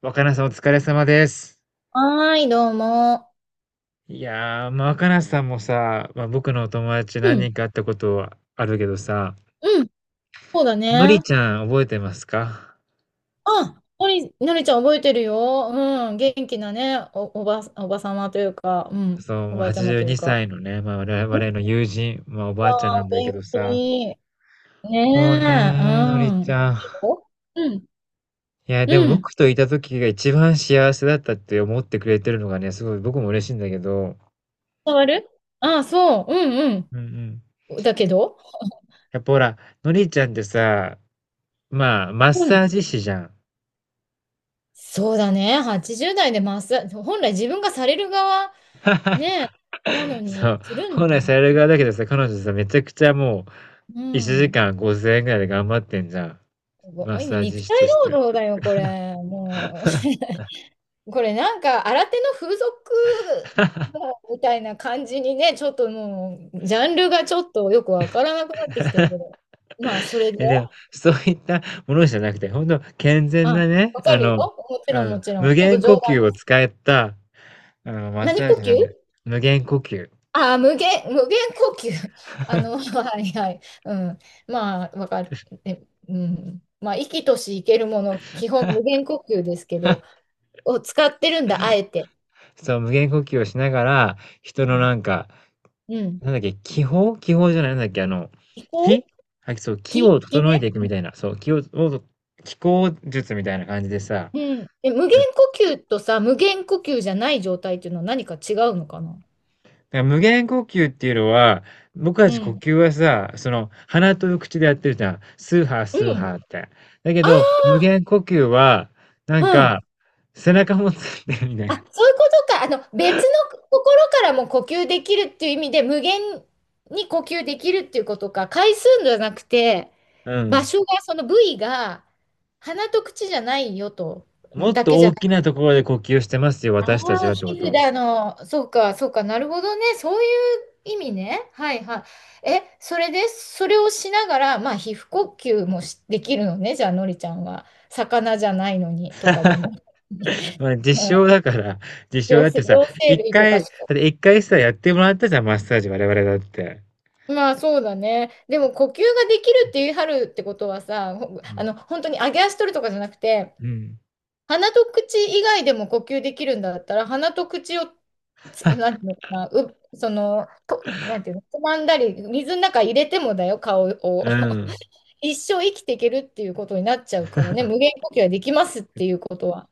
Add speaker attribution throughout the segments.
Speaker 1: 若菜さんお疲れ様です。
Speaker 2: はーい、どうも。
Speaker 1: 若菜さんもさ、僕のお友達
Speaker 2: う
Speaker 1: 何
Speaker 2: ん、
Speaker 1: 人か会ったことはあるけどさ、
Speaker 2: うん、そうだ
Speaker 1: のり
Speaker 2: ね。
Speaker 1: ちゃん覚えてますか？
Speaker 2: あ、のりちゃん覚えてるよ。うん、元気なね、おばさまというか、うん、
Speaker 1: そう、
Speaker 2: おばあちゃま
Speaker 1: 82
Speaker 2: というか。
Speaker 1: 歳のね、我
Speaker 2: う
Speaker 1: 々
Speaker 2: ん
Speaker 1: の友人、おば
Speaker 2: わ
Speaker 1: あちゃんなん
Speaker 2: あ、
Speaker 1: だけ
Speaker 2: 元
Speaker 1: どさ、
Speaker 2: 気。ね
Speaker 1: もう
Speaker 2: え、
Speaker 1: ね、のり
Speaker 2: う
Speaker 1: ち
Speaker 2: ん。
Speaker 1: ゃん。
Speaker 2: いいようん、
Speaker 1: いや、でも
Speaker 2: うん。
Speaker 1: 僕といた時が一番幸せだったって思ってくれてるのがね、すごい僕も嬉しいんだけど、
Speaker 2: 伝わるあ、そう、うん、
Speaker 1: うんうん。
Speaker 2: うん。だけど、
Speaker 1: やっぱほら、のりちゃんってさ、マッ
Speaker 2: う
Speaker 1: サ
Speaker 2: ん。
Speaker 1: ージ師じゃん。
Speaker 2: そうだね、80代でマッサージ、本来自分がされる側、ねえ、なの に、
Speaker 1: そう、
Speaker 2: するん
Speaker 1: 本
Speaker 2: だ
Speaker 1: 来さ
Speaker 2: よ。
Speaker 1: れる側だけどさ、彼女さ、めちゃくちゃも
Speaker 2: う
Speaker 1: う、1
Speaker 2: ん。
Speaker 1: 時間5000円ぐらいで頑張ってんじゃん。
Speaker 2: す
Speaker 1: マッ
Speaker 2: ごい
Speaker 1: サ
Speaker 2: ね。
Speaker 1: ー
Speaker 2: 肉
Speaker 1: ジ師と
Speaker 2: 体
Speaker 1: し
Speaker 2: 労
Speaker 1: て。
Speaker 2: 働だよ、これ。もう。これなんか、新手の風俗 みたいな感じにね、ちょっともう、ジャンルがちょっとよくわからなくなってきてるけど。まあ、それで、
Speaker 1: え、でも、そういったものじゃなくて、本当健
Speaker 2: あ、
Speaker 1: 全なね、
Speaker 2: わかるよ。もち
Speaker 1: う
Speaker 2: ろん、
Speaker 1: ん、
Speaker 2: もちろん。ち
Speaker 1: 無
Speaker 2: ょっと
Speaker 1: 限
Speaker 2: 冗
Speaker 1: 呼
Speaker 2: 談。
Speaker 1: 吸を使った、マッ
Speaker 2: 何
Speaker 1: サー
Speaker 2: 呼
Speaker 1: ジ
Speaker 2: 吸
Speaker 1: なんだよ。無限呼吸。
Speaker 2: あ、無限呼吸。あの、はいはい。うん。まあ、わかる。えうん。まあ、生きとし生けるもの、基本無限呼吸ですけど、を使ってるんだ、あえて。
Speaker 1: そう、無限呼吸をしながら、
Speaker 2: う
Speaker 1: 人の
Speaker 2: ん
Speaker 1: なんか、
Speaker 2: うん。
Speaker 1: なんだっけ、気泡、気泡じゃない、なんだっけ、あの、
Speaker 2: 気
Speaker 1: 気、
Speaker 2: 候
Speaker 1: はい、そう、気
Speaker 2: 気、
Speaker 1: を
Speaker 2: 気
Speaker 1: 整え
Speaker 2: ね。
Speaker 1: ていくみたいな、そう、気を気候術みたいな感じでさ、
Speaker 2: うん。え、無限
Speaker 1: だ
Speaker 2: 呼吸とさ、無限呼吸じゃない状態っていうのは何か違うのかな
Speaker 1: から無限呼吸っていうのは、僕た
Speaker 2: う
Speaker 1: ち呼
Speaker 2: ん。
Speaker 1: 吸はさ、その、鼻と口でやってるじゃん。スーハー
Speaker 2: う
Speaker 1: スー
Speaker 2: ん。
Speaker 1: ハーって。だけ
Speaker 2: あ
Speaker 1: ど、無限呼吸は、な
Speaker 2: あ、
Speaker 1: ん
Speaker 2: うん。
Speaker 1: か、背中もついてるみたい
Speaker 2: あ、
Speaker 1: な。
Speaker 2: そういうことか。あの、別の心からも呼吸できるっていう意味で、無限に呼吸できるっていうことか。回数じゃなくて、
Speaker 1: う
Speaker 2: 場
Speaker 1: ん。
Speaker 2: 所が、その部位が、鼻と口じゃないよと、
Speaker 1: もっ
Speaker 2: だけ
Speaker 1: と
Speaker 2: じゃ
Speaker 1: 大
Speaker 2: な
Speaker 1: きなところで呼吸してますよ、
Speaker 2: あ
Speaker 1: 私たち
Speaker 2: あ、
Speaker 1: はってこ
Speaker 2: 皮膚で、
Speaker 1: と。
Speaker 2: あの、そうか、そうか、なるほどね。そういう意味ね。はいはい。え、それで、それをしながら、まあ、皮膚呼吸もしできるのね。じゃあ、のりちゃんは。魚じゃないのに、とかでも。う
Speaker 1: 実
Speaker 2: ん
Speaker 1: 証だから、実証
Speaker 2: 両
Speaker 1: だって
Speaker 2: 生、
Speaker 1: さ、
Speaker 2: 両生
Speaker 1: 一
Speaker 2: 類とか
Speaker 1: 回、だ
Speaker 2: しか。
Speaker 1: って一回さ、やってもらったじゃん、マッサージ、我々だって。
Speaker 2: まあ、そうだね。でも、呼吸ができるって言い張るってことはさ、ほ
Speaker 1: うん。
Speaker 2: あの、本当に揚げ足取るとかじゃなくて、
Speaker 1: うん。
Speaker 2: 鼻と口以外でも呼吸できるんだったら、鼻と口をつ、なんていうのかな、う、その、と、なんていうの、つまんだり、水の中入れてもだよ、顔を。
Speaker 1: う ん。
Speaker 2: 一生生きていけるっていうことになっちゃうからね、無限呼吸はできますっていうことは。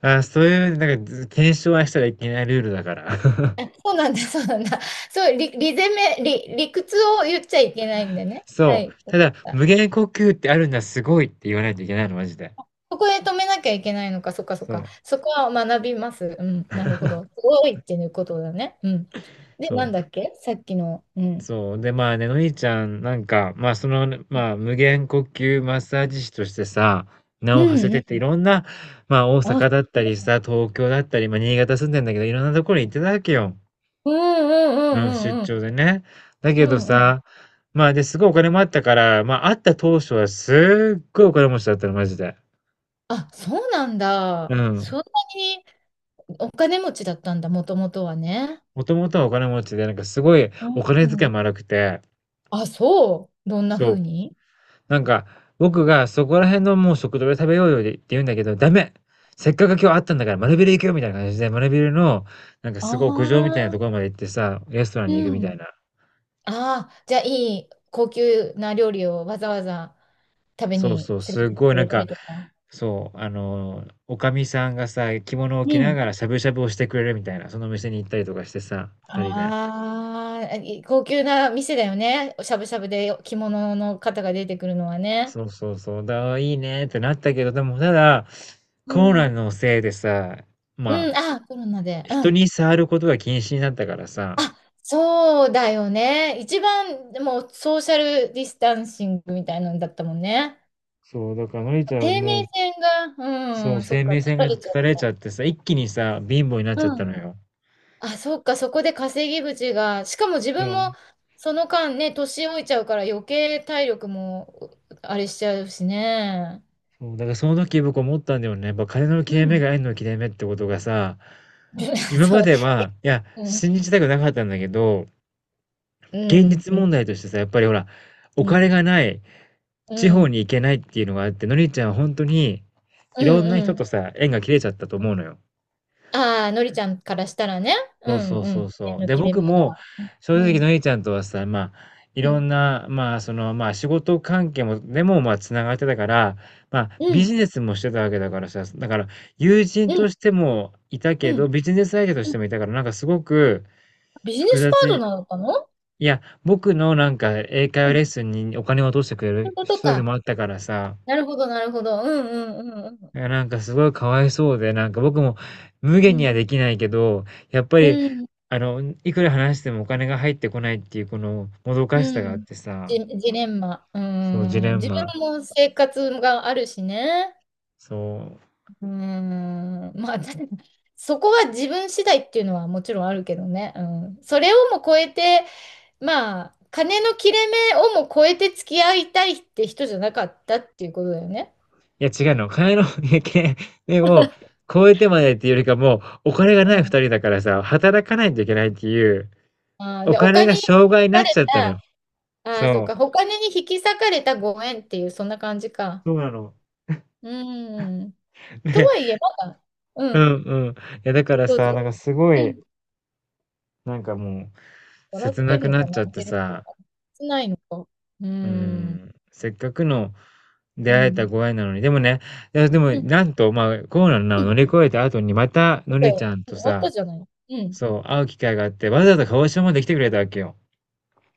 Speaker 1: あ、そういう、なんか、ず検証はしたらいけないルールだから。
Speaker 2: そうなんだ、そうなんだ。そう、理、理攻め、理、理屈を言っちゃいけないんでね。は
Speaker 1: そ
Speaker 2: い。
Speaker 1: う。ただ、無限呼吸ってあるんだ、すごいって言わないといけないの、マジで。
Speaker 2: そこで止めなきゃいけないのか、そっかそっ
Speaker 1: そう。
Speaker 2: か。そこは学びます。うん、なるほど。すごいっていうことだね。うん。で、
Speaker 1: そ
Speaker 2: なんだっ
Speaker 1: う。
Speaker 2: けさっきの、うん。
Speaker 1: そう。で、のりちゃん、なんか、無限呼吸マッサージ師としてさ、名
Speaker 2: う
Speaker 1: を馳せ
Speaker 2: ん
Speaker 1: てて、
Speaker 2: う
Speaker 1: い
Speaker 2: ん。
Speaker 1: ろんな、大
Speaker 2: あ、うん
Speaker 1: 阪だったりさ、東京だったり、新潟住んでんだけど、いろんなところに行ってたわけよ。
Speaker 2: う
Speaker 1: うん、出
Speaker 2: んうんうんうん
Speaker 1: 張でね。だけ
Speaker 2: う
Speaker 1: ど
Speaker 2: んうん。
Speaker 1: さ、すごいお金もあったから、会った当初はすっごいお金持ちだったの、マジで。
Speaker 2: あ、そうなん
Speaker 1: う
Speaker 2: だ。そ
Speaker 1: ん。
Speaker 2: んなにお金持ちだったんだ、もともとはね。
Speaker 1: もともとはお金持ちで、なんかすごい
Speaker 2: うん
Speaker 1: お金
Speaker 2: う
Speaker 1: 遣い
Speaker 2: ん。
Speaker 1: も荒くて、
Speaker 2: あ、そう。どんな
Speaker 1: そ
Speaker 2: 風
Speaker 1: う。
Speaker 2: に
Speaker 1: なんか、僕がそこら辺のもう食堂で食べようよって言うんだけど、ダメ、せっかく今日会ったんだから丸ビル行くよみたいな感じで、丸ビルの、なんかすごい屋上みたいな
Speaker 2: あ
Speaker 1: とこ
Speaker 2: あ
Speaker 1: ろまで行ってさ、レストラン
Speaker 2: ー、
Speaker 1: に行くみ
Speaker 2: う
Speaker 1: た
Speaker 2: ん。
Speaker 1: いな。
Speaker 2: ああ、じゃあいい高級な料理をわざわざ食べ
Speaker 1: そう
Speaker 2: に
Speaker 1: そう、
Speaker 2: 連れ
Speaker 1: す
Speaker 2: てって
Speaker 1: ごい
Speaker 2: く
Speaker 1: な
Speaker 2: れ
Speaker 1: ん
Speaker 2: た
Speaker 1: か、
Speaker 2: りとか。
Speaker 1: そう、おかみさんがさ、着物を
Speaker 2: う
Speaker 1: 着な
Speaker 2: ん。
Speaker 1: がらしゃぶしゃぶをしてくれるみたいな、その店に行ったりとかしてさ、2人で。
Speaker 2: ああ、い高級な店だよね。しゃぶしゃぶで着物の方が出てくるのはね。
Speaker 1: そうそうそう、いいねってなったけど、でもただ、
Speaker 2: う
Speaker 1: コロナ
Speaker 2: ん。
Speaker 1: のせいでさ、ま
Speaker 2: う
Speaker 1: あ、
Speaker 2: ん、ああ、コロナで。う
Speaker 1: 人
Speaker 2: ん。
Speaker 1: に触ることが禁止になったからさ、
Speaker 2: あ、そうだよね。一番、でもソーシャルディスタンシングみたいなのだったもんね。
Speaker 1: そう、だからのりちゃん
Speaker 2: 生
Speaker 1: も
Speaker 2: 命
Speaker 1: う、
Speaker 2: 線
Speaker 1: そ
Speaker 2: が、う
Speaker 1: う、
Speaker 2: ん、そ
Speaker 1: 生
Speaker 2: っか、
Speaker 1: 命
Speaker 2: 立
Speaker 1: 線
Speaker 2: た
Speaker 1: が
Speaker 2: れ
Speaker 1: 断
Speaker 2: ちゃっ
Speaker 1: たれちゃってさ、一気にさ、貧乏になっ
Speaker 2: た。
Speaker 1: ちゃっ
Speaker 2: う
Speaker 1: た
Speaker 2: ん。
Speaker 1: のよ。
Speaker 2: あ、そっか、そこで稼ぎ口が、しかも自
Speaker 1: そ
Speaker 2: 分
Speaker 1: う、
Speaker 2: もその間ね、年老いちゃうから余計体力もあれしちゃうしね。
Speaker 1: そう、だからその時僕思ったんだよね。やっぱ金の切
Speaker 2: う
Speaker 1: れ目
Speaker 2: ん。
Speaker 1: が縁の切れ目ってことがさ、今
Speaker 2: そ
Speaker 1: ま
Speaker 2: う。
Speaker 1: では、いや、
Speaker 2: うん。
Speaker 1: 信じたくなかったんだけど、
Speaker 2: う
Speaker 1: 現
Speaker 2: ん。
Speaker 1: 実
Speaker 2: うん。
Speaker 1: 問題としてさ、やっぱりほら、お
Speaker 2: う
Speaker 1: 金
Speaker 2: ん。
Speaker 1: がない、
Speaker 2: う
Speaker 1: 地方
Speaker 2: ん。
Speaker 1: に行けないっていうのがあって、のりちゃんはほんとに、い
Speaker 2: う
Speaker 1: ろんな人
Speaker 2: ん。
Speaker 1: とさ、縁が切れちゃったと思うのよ。
Speaker 2: ああのりちゃんからしたらね。う
Speaker 1: そう
Speaker 2: ん。
Speaker 1: そう
Speaker 2: う
Speaker 1: そう
Speaker 2: ん。
Speaker 1: そう。
Speaker 2: 目の
Speaker 1: で、
Speaker 2: 切れ
Speaker 1: 僕
Speaker 2: 目が。
Speaker 1: も、正
Speaker 2: う
Speaker 1: 直
Speaker 2: ん。
Speaker 1: のりちゃんとはさ、まあ、い
Speaker 2: う
Speaker 1: ろ
Speaker 2: ん
Speaker 1: んな、まあ、その、まあ、仕事関係もでも、繋がってたから、
Speaker 2: う
Speaker 1: ビ
Speaker 2: ん、
Speaker 1: ジネスもしてたわけだからさ、だから友人
Speaker 2: うん、
Speaker 1: としてもいたけ
Speaker 2: う
Speaker 1: ど、
Speaker 2: ん。
Speaker 1: ビジネス相手とし
Speaker 2: うん
Speaker 1: てもいたから、なんかすごく
Speaker 2: ビジネ
Speaker 1: 複
Speaker 2: スパート
Speaker 1: 雑。
Speaker 2: ナーだったの
Speaker 1: いや、僕のなんか英会話
Speaker 2: うん。
Speaker 1: レ
Speaker 2: そ
Speaker 1: ッスンにお金を落としてくれ
Speaker 2: うい
Speaker 1: る
Speaker 2: うこと
Speaker 1: 人で
Speaker 2: か。
Speaker 1: もあったからさ、
Speaker 2: なるほど、なるほど。うん、うん、うん、
Speaker 1: いやなんかすごいかわいそうで、なんか僕も無
Speaker 2: う
Speaker 1: 限には
Speaker 2: ん。
Speaker 1: できないけど、やっぱ
Speaker 2: う
Speaker 1: り、
Speaker 2: ん、
Speaker 1: いくら話してもお金が入ってこないっていうこのもどかし
Speaker 2: う
Speaker 1: さがあっ
Speaker 2: ん。
Speaker 1: てさ、
Speaker 2: ジレンマ。う
Speaker 1: そう、ジレ
Speaker 2: ん。
Speaker 1: ン
Speaker 2: 自
Speaker 1: マ。
Speaker 2: 分も生活があるしね。
Speaker 1: そう。
Speaker 2: うん。まあ、だそこは自分次第っていうのはもちろんあるけどね。うん。それをも超えて、まあ、金の切れ目をも超えて付き合いたいって人じゃなかったっていうことだよね。
Speaker 1: いや違うの、金の 経験でも、超えてまでっていうよりかもう、お金がな
Speaker 2: う
Speaker 1: い二
Speaker 2: ん。
Speaker 1: 人だからさ、働かないといけないっていう、
Speaker 2: あー、
Speaker 1: お
Speaker 2: で、お
Speaker 1: 金
Speaker 2: 金
Speaker 1: が
Speaker 2: に取
Speaker 1: 障害にな
Speaker 2: ら
Speaker 1: っ
Speaker 2: れ
Speaker 1: ちゃったのよ。
Speaker 2: ああ、そう
Speaker 1: そ
Speaker 2: か。
Speaker 1: う。
Speaker 2: お金に引き裂かれたご縁っていう、そんな感じか。
Speaker 1: そうなの。
Speaker 2: うん。とは
Speaker 1: ね。
Speaker 2: いえ、まだ、う
Speaker 1: うん
Speaker 2: ん、
Speaker 1: うん。いや、だから
Speaker 2: どう
Speaker 1: さ、なん
Speaker 2: ぞ。
Speaker 1: かすご
Speaker 2: う
Speaker 1: い、
Speaker 2: ん。
Speaker 1: なんかもう、
Speaker 2: 笑っ
Speaker 1: 切
Speaker 2: て
Speaker 1: なく
Speaker 2: るの
Speaker 1: なっ
Speaker 2: か、
Speaker 1: ちゃっ
Speaker 2: 泣い
Speaker 1: て
Speaker 2: てるの
Speaker 1: さ、
Speaker 2: か、切ないのか。う
Speaker 1: う
Speaker 2: ん。
Speaker 1: ん、せっかくの出
Speaker 2: う
Speaker 1: 会えた
Speaker 2: ん。
Speaker 1: ご縁なのに、でもね、いや、でも、
Speaker 2: うん。
Speaker 1: なんと、コロナ
Speaker 2: う
Speaker 1: を乗
Speaker 2: ん。
Speaker 1: り越えた後に、また、のりちゃん
Speaker 2: 終
Speaker 1: と
Speaker 2: わっ
Speaker 1: さ、
Speaker 2: たじゃない。うん。
Speaker 1: そう、会う機会があって、わざわざ鹿児島まで来てくれたわけよ。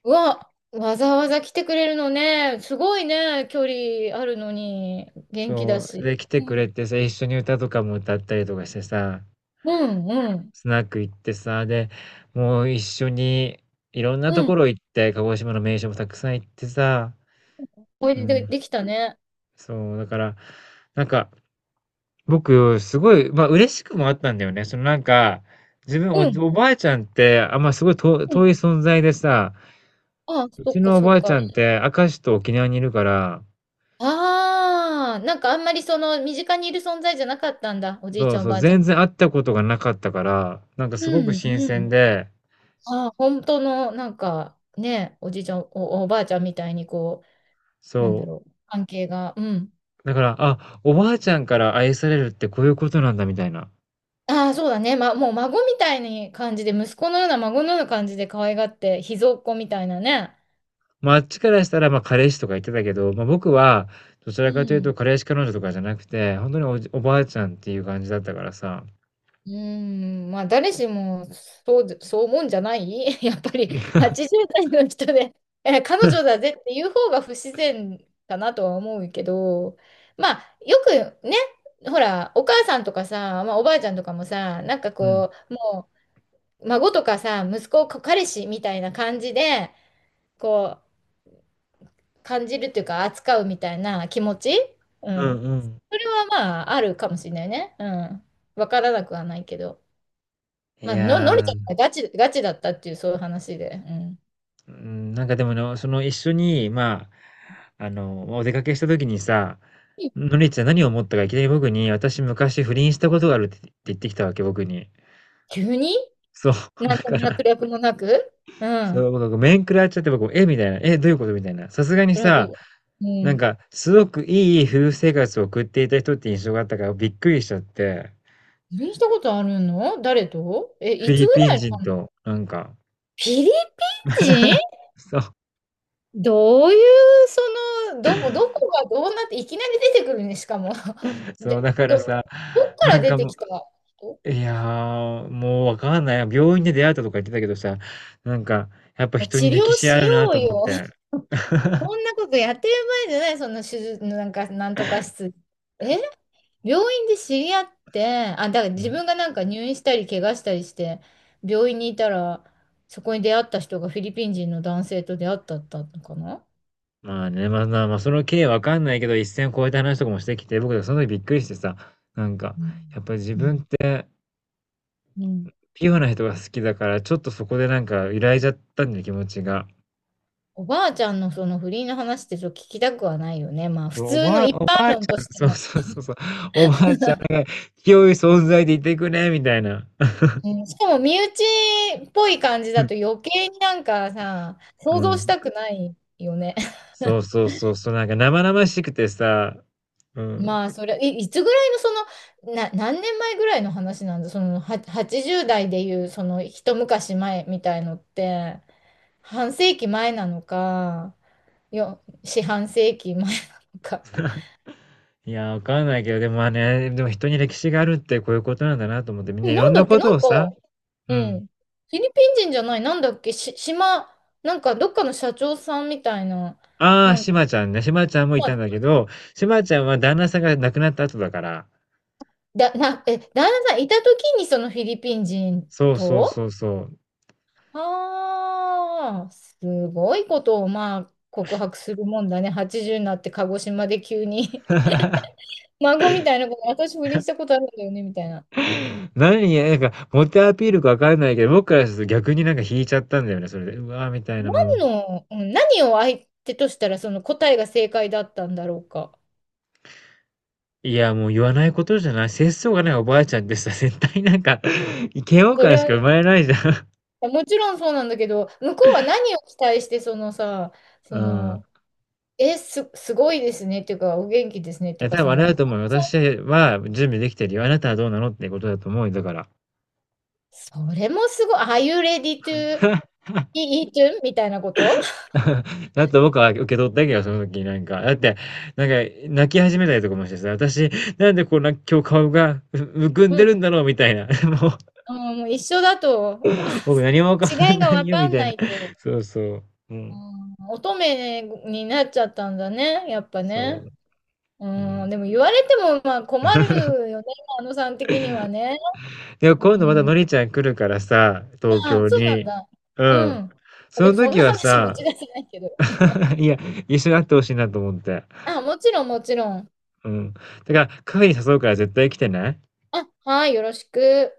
Speaker 2: うわ、わざわざ来てくれるのね。すごいね。距離あるのに、元気だ
Speaker 1: そう、
Speaker 2: し。
Speaker 1: で、来て
Speaker 2: う
Speaker 1: くれ
Speaker 2: ん。
Speaker 1: てさ、一緒に歌とかも歌ったりとかしてさ、
Speaker 2: うん、うん。
Speaker 1: スナック行ってさ、で、もう一緒に、いろんなと
Speaker 2: う
Speaker 1: こ
Speaker 2: ん。
Speaker 1: ろ行って、鹿児島の名所もたくさん行ってさ、
Speaker 2: おい
Speaker 1: う
Speaker 2: でで、
Speaker 1: ん。
Speaker 2: できたね。
Speaker 1: そう、だから、なんか、僕、すごい、嬉しくもあったんだよね。その、なんか、自分、お
Speaker 2: う
Speaker 1: じ
Speaker 2: ん。
Speaker 1: おばあちゃんって、あ、すごい
Speaker 2: う
Speaker 1: 遠い
Speaker 2: ん。
Speaker 1: 存在でさ、
Speaker 2: ああ、
Speaker 1: う
Speaker 2: そっ
Speaker 1: ち
Speaker 2: か、
Speaker 1: のお
Speaker 2: そ
Speaker 1: ば
Speaker 2: っ
Speaker 1: あち
Speaker 2: か。
Speaker 1: ゃんって、明石と沖縄にいるから、
Speaker 2: ああ、なんかあんまりその身近にいる存在じゃなかったんだ、おじい
Speaker 1: そ
Speaker 2: ち
Speaker 1: う
Speaker 2: ゃんお
Speaker 1: そう、
Speaker 2: ばあちゃん。
Speaker 1: 全然会ったことがなかったから、なんかすごく
Speaker 2: うん、
Speaker 1: 新
Speaker 2: う
Speaker 1: 鮮
Speaker 2: ん。
Speaker 1: で、
Speaker 2: ああ、本当のなんかね、おじいちゃんお、おばあちゃんみたいにこう、なんだ
Speaker 1: そ
Speaker 2: ろう、関係が。うん。
Speaker 1: う、だから、あ、おばあちゃんから愛されるってこういうことなんだみたいな。
Speaker 2: ああ、そうだね、ま、もう孫みたいに感じで、息子のような孫のような感じで可愛がって、秘蔵っ子みたいなね。
Speaker 1: あっちからしたら、彼氏とか言ってたけど、僕は、どち
Speaker 2: う
Speaker 1: らかというと、
Speaker 2: ん。
Speaker 1: 彼氏彼女とかじゃなくて、本当におじおばあちゃんっていう感じだったからさ。
Speaker 2: うーん、まあ誰しもそうで、そう思うんじゃない やっぱり80代の人で、え、彼女だぜっていう方が不自然かなとは思うけど、まあよくね、ほら、お母さんとかさ、まあ、おばあちゃんとかもさ、なんか
Speaker 1: うん。
Speaker 2: こう、もう孫とかさ、息子、こ彼氏みたいな感じで、こう、感じるっていうか扱うみたいな気持ちう
Speaker 1: うん
Speaker 2: ん。
Speaker 1: うん。
Speaker 2: それはまああるかもしれないね。うん。わからなくはないけど。
Speaker 1: い
Speaker 2: まあ、の、のりち
Speaker 1: や
Speaker 2: ゃ
Speaker 1: ー、
Speaker 2: んがガチ、ガチだったっていう、そういう話で。うん。
Speaker 1: うん、なんかでもその一緒に、お出かけした時にさ、のりちゃん何を思ったかいきなり僕に、私昔不倫したことがあるって言ってきたわけ、僕に。
Speaker 2: 急に
Speaker 1: そう、
Speaker 2: 何
Speaker 1: だ
Speaker 2: の
Speaker 1: から、
Speaker 2: 脈略もなくう
Speaker 1: そ
Speaker 2: ん。
Speaker 1: う、僕が面食らっちゃって、僕、えみたいな、え、どういうことみたいな。さすがに
Speaker 2: それは
Speaker 1: さ、
Speaker 2: どう
Speaker 1: な
Speaker 2: う
Speaker 1: ん
Speaker 2: ん。
Speaker 1: か、すごくいい夫婦生活を送っていた人って印象があったからびっくりしちゃって、
Speaker 2: 不倫したことあるの誰とえ、
Speaker 1: フ
Speaker 2: い
Speaker 1: ィ
Speaker 2: つ
Speaker 1: リ
Speaker 2: ぐ
Speaker 1: ピン
Speaker 2: らいの
Speaker 1: 人
Speaker 2: 話
Speaker 1: と、なんか。
Speaker 2: フィリピン 人
Speaker 1: そう、
Speaker 2: どういう、その、どこがどうなって、いきなり出てくるね、しかも。
Speaker 1: そう、だ
Speaker 2: で、
Speaker 1: から
Speaker 2: ど、
Speaker 1: さ、
Speaker 2: どっか
Speaker 1: な
Speaker 2: ら
Speaker 1: ん
Speaker 2: 出
Speaker 1: か
Speaker 2: て
Speaker 1: も
Speaker 2: きた人
Speaker 1: う、いやー、もうわかんない。病院で出会ったとか言ってたけどさ、なんか、やっぱ
Speaker 2: もう
Speaker 1: 人
Speaker 2: 治
Speaker 1: に歴
Speaker 2: 療
Speaker 1: 史あ
Speaker 2: し
Speaker 1: るな
Speaker 2: よう
Speaker 1: と思っ
Speaker 2: よ。
Speaker 1: て。
Speaker 2: そんなことやってる場合じゃない、その手術のなんか、なんとか室。え病院で知り合って、あ、だから
Speaker 1: う
Speaker 2: 自
Speaker 1: ん。
Speaker 2: 分がなんか入院したり、怪我したりして、病院にいたら、そこに出会った人がフィリピン人の男性と出会ったったのかな
Speaker 1: その経緯わかんないけど、一線を越えた話とかもしてきて、僕はその時びっくりしてさ、なんか、
Speaker 2: うん
Speaker 1: やっぱり自
Speaker 2: う
Speaker 1: 分っ
Speaker 2: ん
Speaker 1: て
Speaker 2: うん。
Speaker 1: ピュアな人が好きだから、ちょっとそこでなんか揺らいじゃったんだよ、気持ちが。
Speaker 2: おばあちゃんのその不倫の話ってちょっと聞きたくはないよね。まあ
Speaker 1: そう、
Speaker 2: 普
Speaker 1: お
Speaker 2: 通の
Speaker 1: ばあ
Speaker 2: 一
Speaker 1: お
Speaker 2: 般
Speaker 1: ばあち
Speaker 2: 論と
Speaker 1: ゃん
Speaker 2: して
Speaker 1: そう
Speaker 2: も。
Speaker 1: そうそうそう、おばあちゃんが清い存在でいてくれみたいな。
Speaker 2: うん、しかも身内っぽい感じだと 余計になんかさ、
Speaker 1: う
Speaker 2: 想像し
Speaker 1: ん。
Speaker 2: たくないよね。
Speaker 1: そうそうそうそう、なんか生々しくてさ、うん。
Speaker 2: まあ、それ、いつぐらいの、その、な、何年前ぐらいの話なんだ、その、は、80代でいう、その、一昔前みたいのって、半世紀前なのか、よ、四半世紀前なのか。
Speaker 1: いや、わかんないけど、でもでも人に歴史があるってこういうことなんだなと思って、みん
Speaker 2: で
Speaker 1: な
Speaker 2: も
Speaker 1: いろ
Speaker 2: な
Speaker 1: ん
Speaker 2: んだ
Speaker 1: な
Speaker 2: っけ、
Speaker 1: こ
Speaker 2: な
Speaker 1: と
Speaker 2: ん
Speaker 1: を
Speaker 2: か、
Speaker 1: さ、
Speaker 2: う
Speaker 1: うん。
Speaker 2: ん、フィリピン人じゃない、なんだっけ、し、島、なんか、どっかの社長さんみたいな、
Speaker 1: ああ、
Speaker 2: なん
Speaker 1: し
Speaker 2: か、
Speaker 1: まちゃんね、しまちゃんもい
Speaker 2: ま
Speaker 1: たん
Speaker 2: あ
Speaker 1: だけど、しまちゃんは旦那さんが亡くなった後だから。
Speaker 2: だ、な、え、旦那さんいた時に、そのフィリピン人
Speaker 1: そうそう
Speaker 2: と、
Speaker 1: そうそう。
Speaker 2: ああ、すごいことをまあ告白するもんだね。80になって鹿児島で急に 孫みたいなこと、私不倫したことあるんだよね、みたいな。
Speaker 1: なんか、モテアピールかわかんないけど、僕からすると逆になんか引いちゃったんだよね、それで。うわーみたいな、
Speaker 2: 何
Speaker 1: もう。
Speaker 2: の、うん何を相手としたらその答えが正解だったんだろうか。
Speaker 1: いや、もう言わないことじゃない。節操がないおばあちゃんってさ、絶対なんか、嫌悪
Speaker 2: そ
Speaker 1: 感
Speaker 2: れ
Speaker 1: し
Speaker 2: は、
Speaker 1: か生まれないじゃん。
Speaker 2: もちろんそうなんだけど、向こうは何を期待して、そのさ、
Speaker 1: う
Speaker 2: そ
Speaker 1: ん。
Speaker 2: の、え、すごいですねっていうか、お元気ですねって
Speaker 1: え、
Speaker 2: いうか、
Speaker 1: 多
Speaker 2: そ
Speaker 1: 分あれ
Speaker 2: の、
Speaker 1: だと思うよ。私は準備できてるよ。あなたはどうなのってことだと思うよ、だから。
Speaker 2: それもすごい、Are you ready to eat？ みたいなこと
Speaker 1: だって僕は受け取ったけど、その時になんか。だって、なんか泣き始めたりとかもしてさ、私、なんでこんな今日顔がむむく ん
Speaker 2: う
Speaker 1: でるん
Speaker 2: ん
Speaker 1: だろうみたいな。もう、
Speaker 2: うん、もう一緒だと、
Speaker 1: 僕何も変わ
Speaker 2: 違い
Speaker 1: ん
Speaker 2: が
Speaker 1: な
Speaker 2: わ
Speaker 1: いよ
Speaker 2: か
Speaker 1: み
Speaker 2: ん
Speaker 1: たい
Speaker 2: な
Speaker 1: な。
Speaker 2: いと、
Speaker 1: そうそう。う
Speaker 2: う
Speaker 1: ん。
Speaker 2: ん、乙女になっちゃったんだね、やっぱ
Speaker 1: そ
Speaker 2: ね。
Speaker 1: う。う
Speaker 2: う
Speaker 1: ん。
Speaker 2: ん、でも言われてもまあ困るよね、あのさん的にはね。
Speaker 1: でも今度また
Speaker 2: うん、
Speaker 1: のりちゃん来るからさ、
Speaker 2: ま
Speaker 1: 東
Speaker 2: あ、
Speaker 1: 京
Speaker 2: そうなん
Speaker 1: に。
Speaker 2: だ。
Speaker 1: う
Speaker 2: う
Speaker 1: ん。
Speaker 2: ん。
Speaker 1: そ
Speaker 2: で
Speaker 1: の
Speaker 2: もそん
Speaker 1: 時
Speaker 2: な
Speaker 1: は
Speaker 2: 話持
Speaker 1: さ、
Speaker 2: ち出せないけど。
Speaker 1: いや、一緒に会ってほしいなと思って。
Speaker 2: あ、もちろん、もちろん。
Speaker 1: うん。だから、カフェに誘うから絶対来てね。
Speaker 2: あ、はい、よろしく。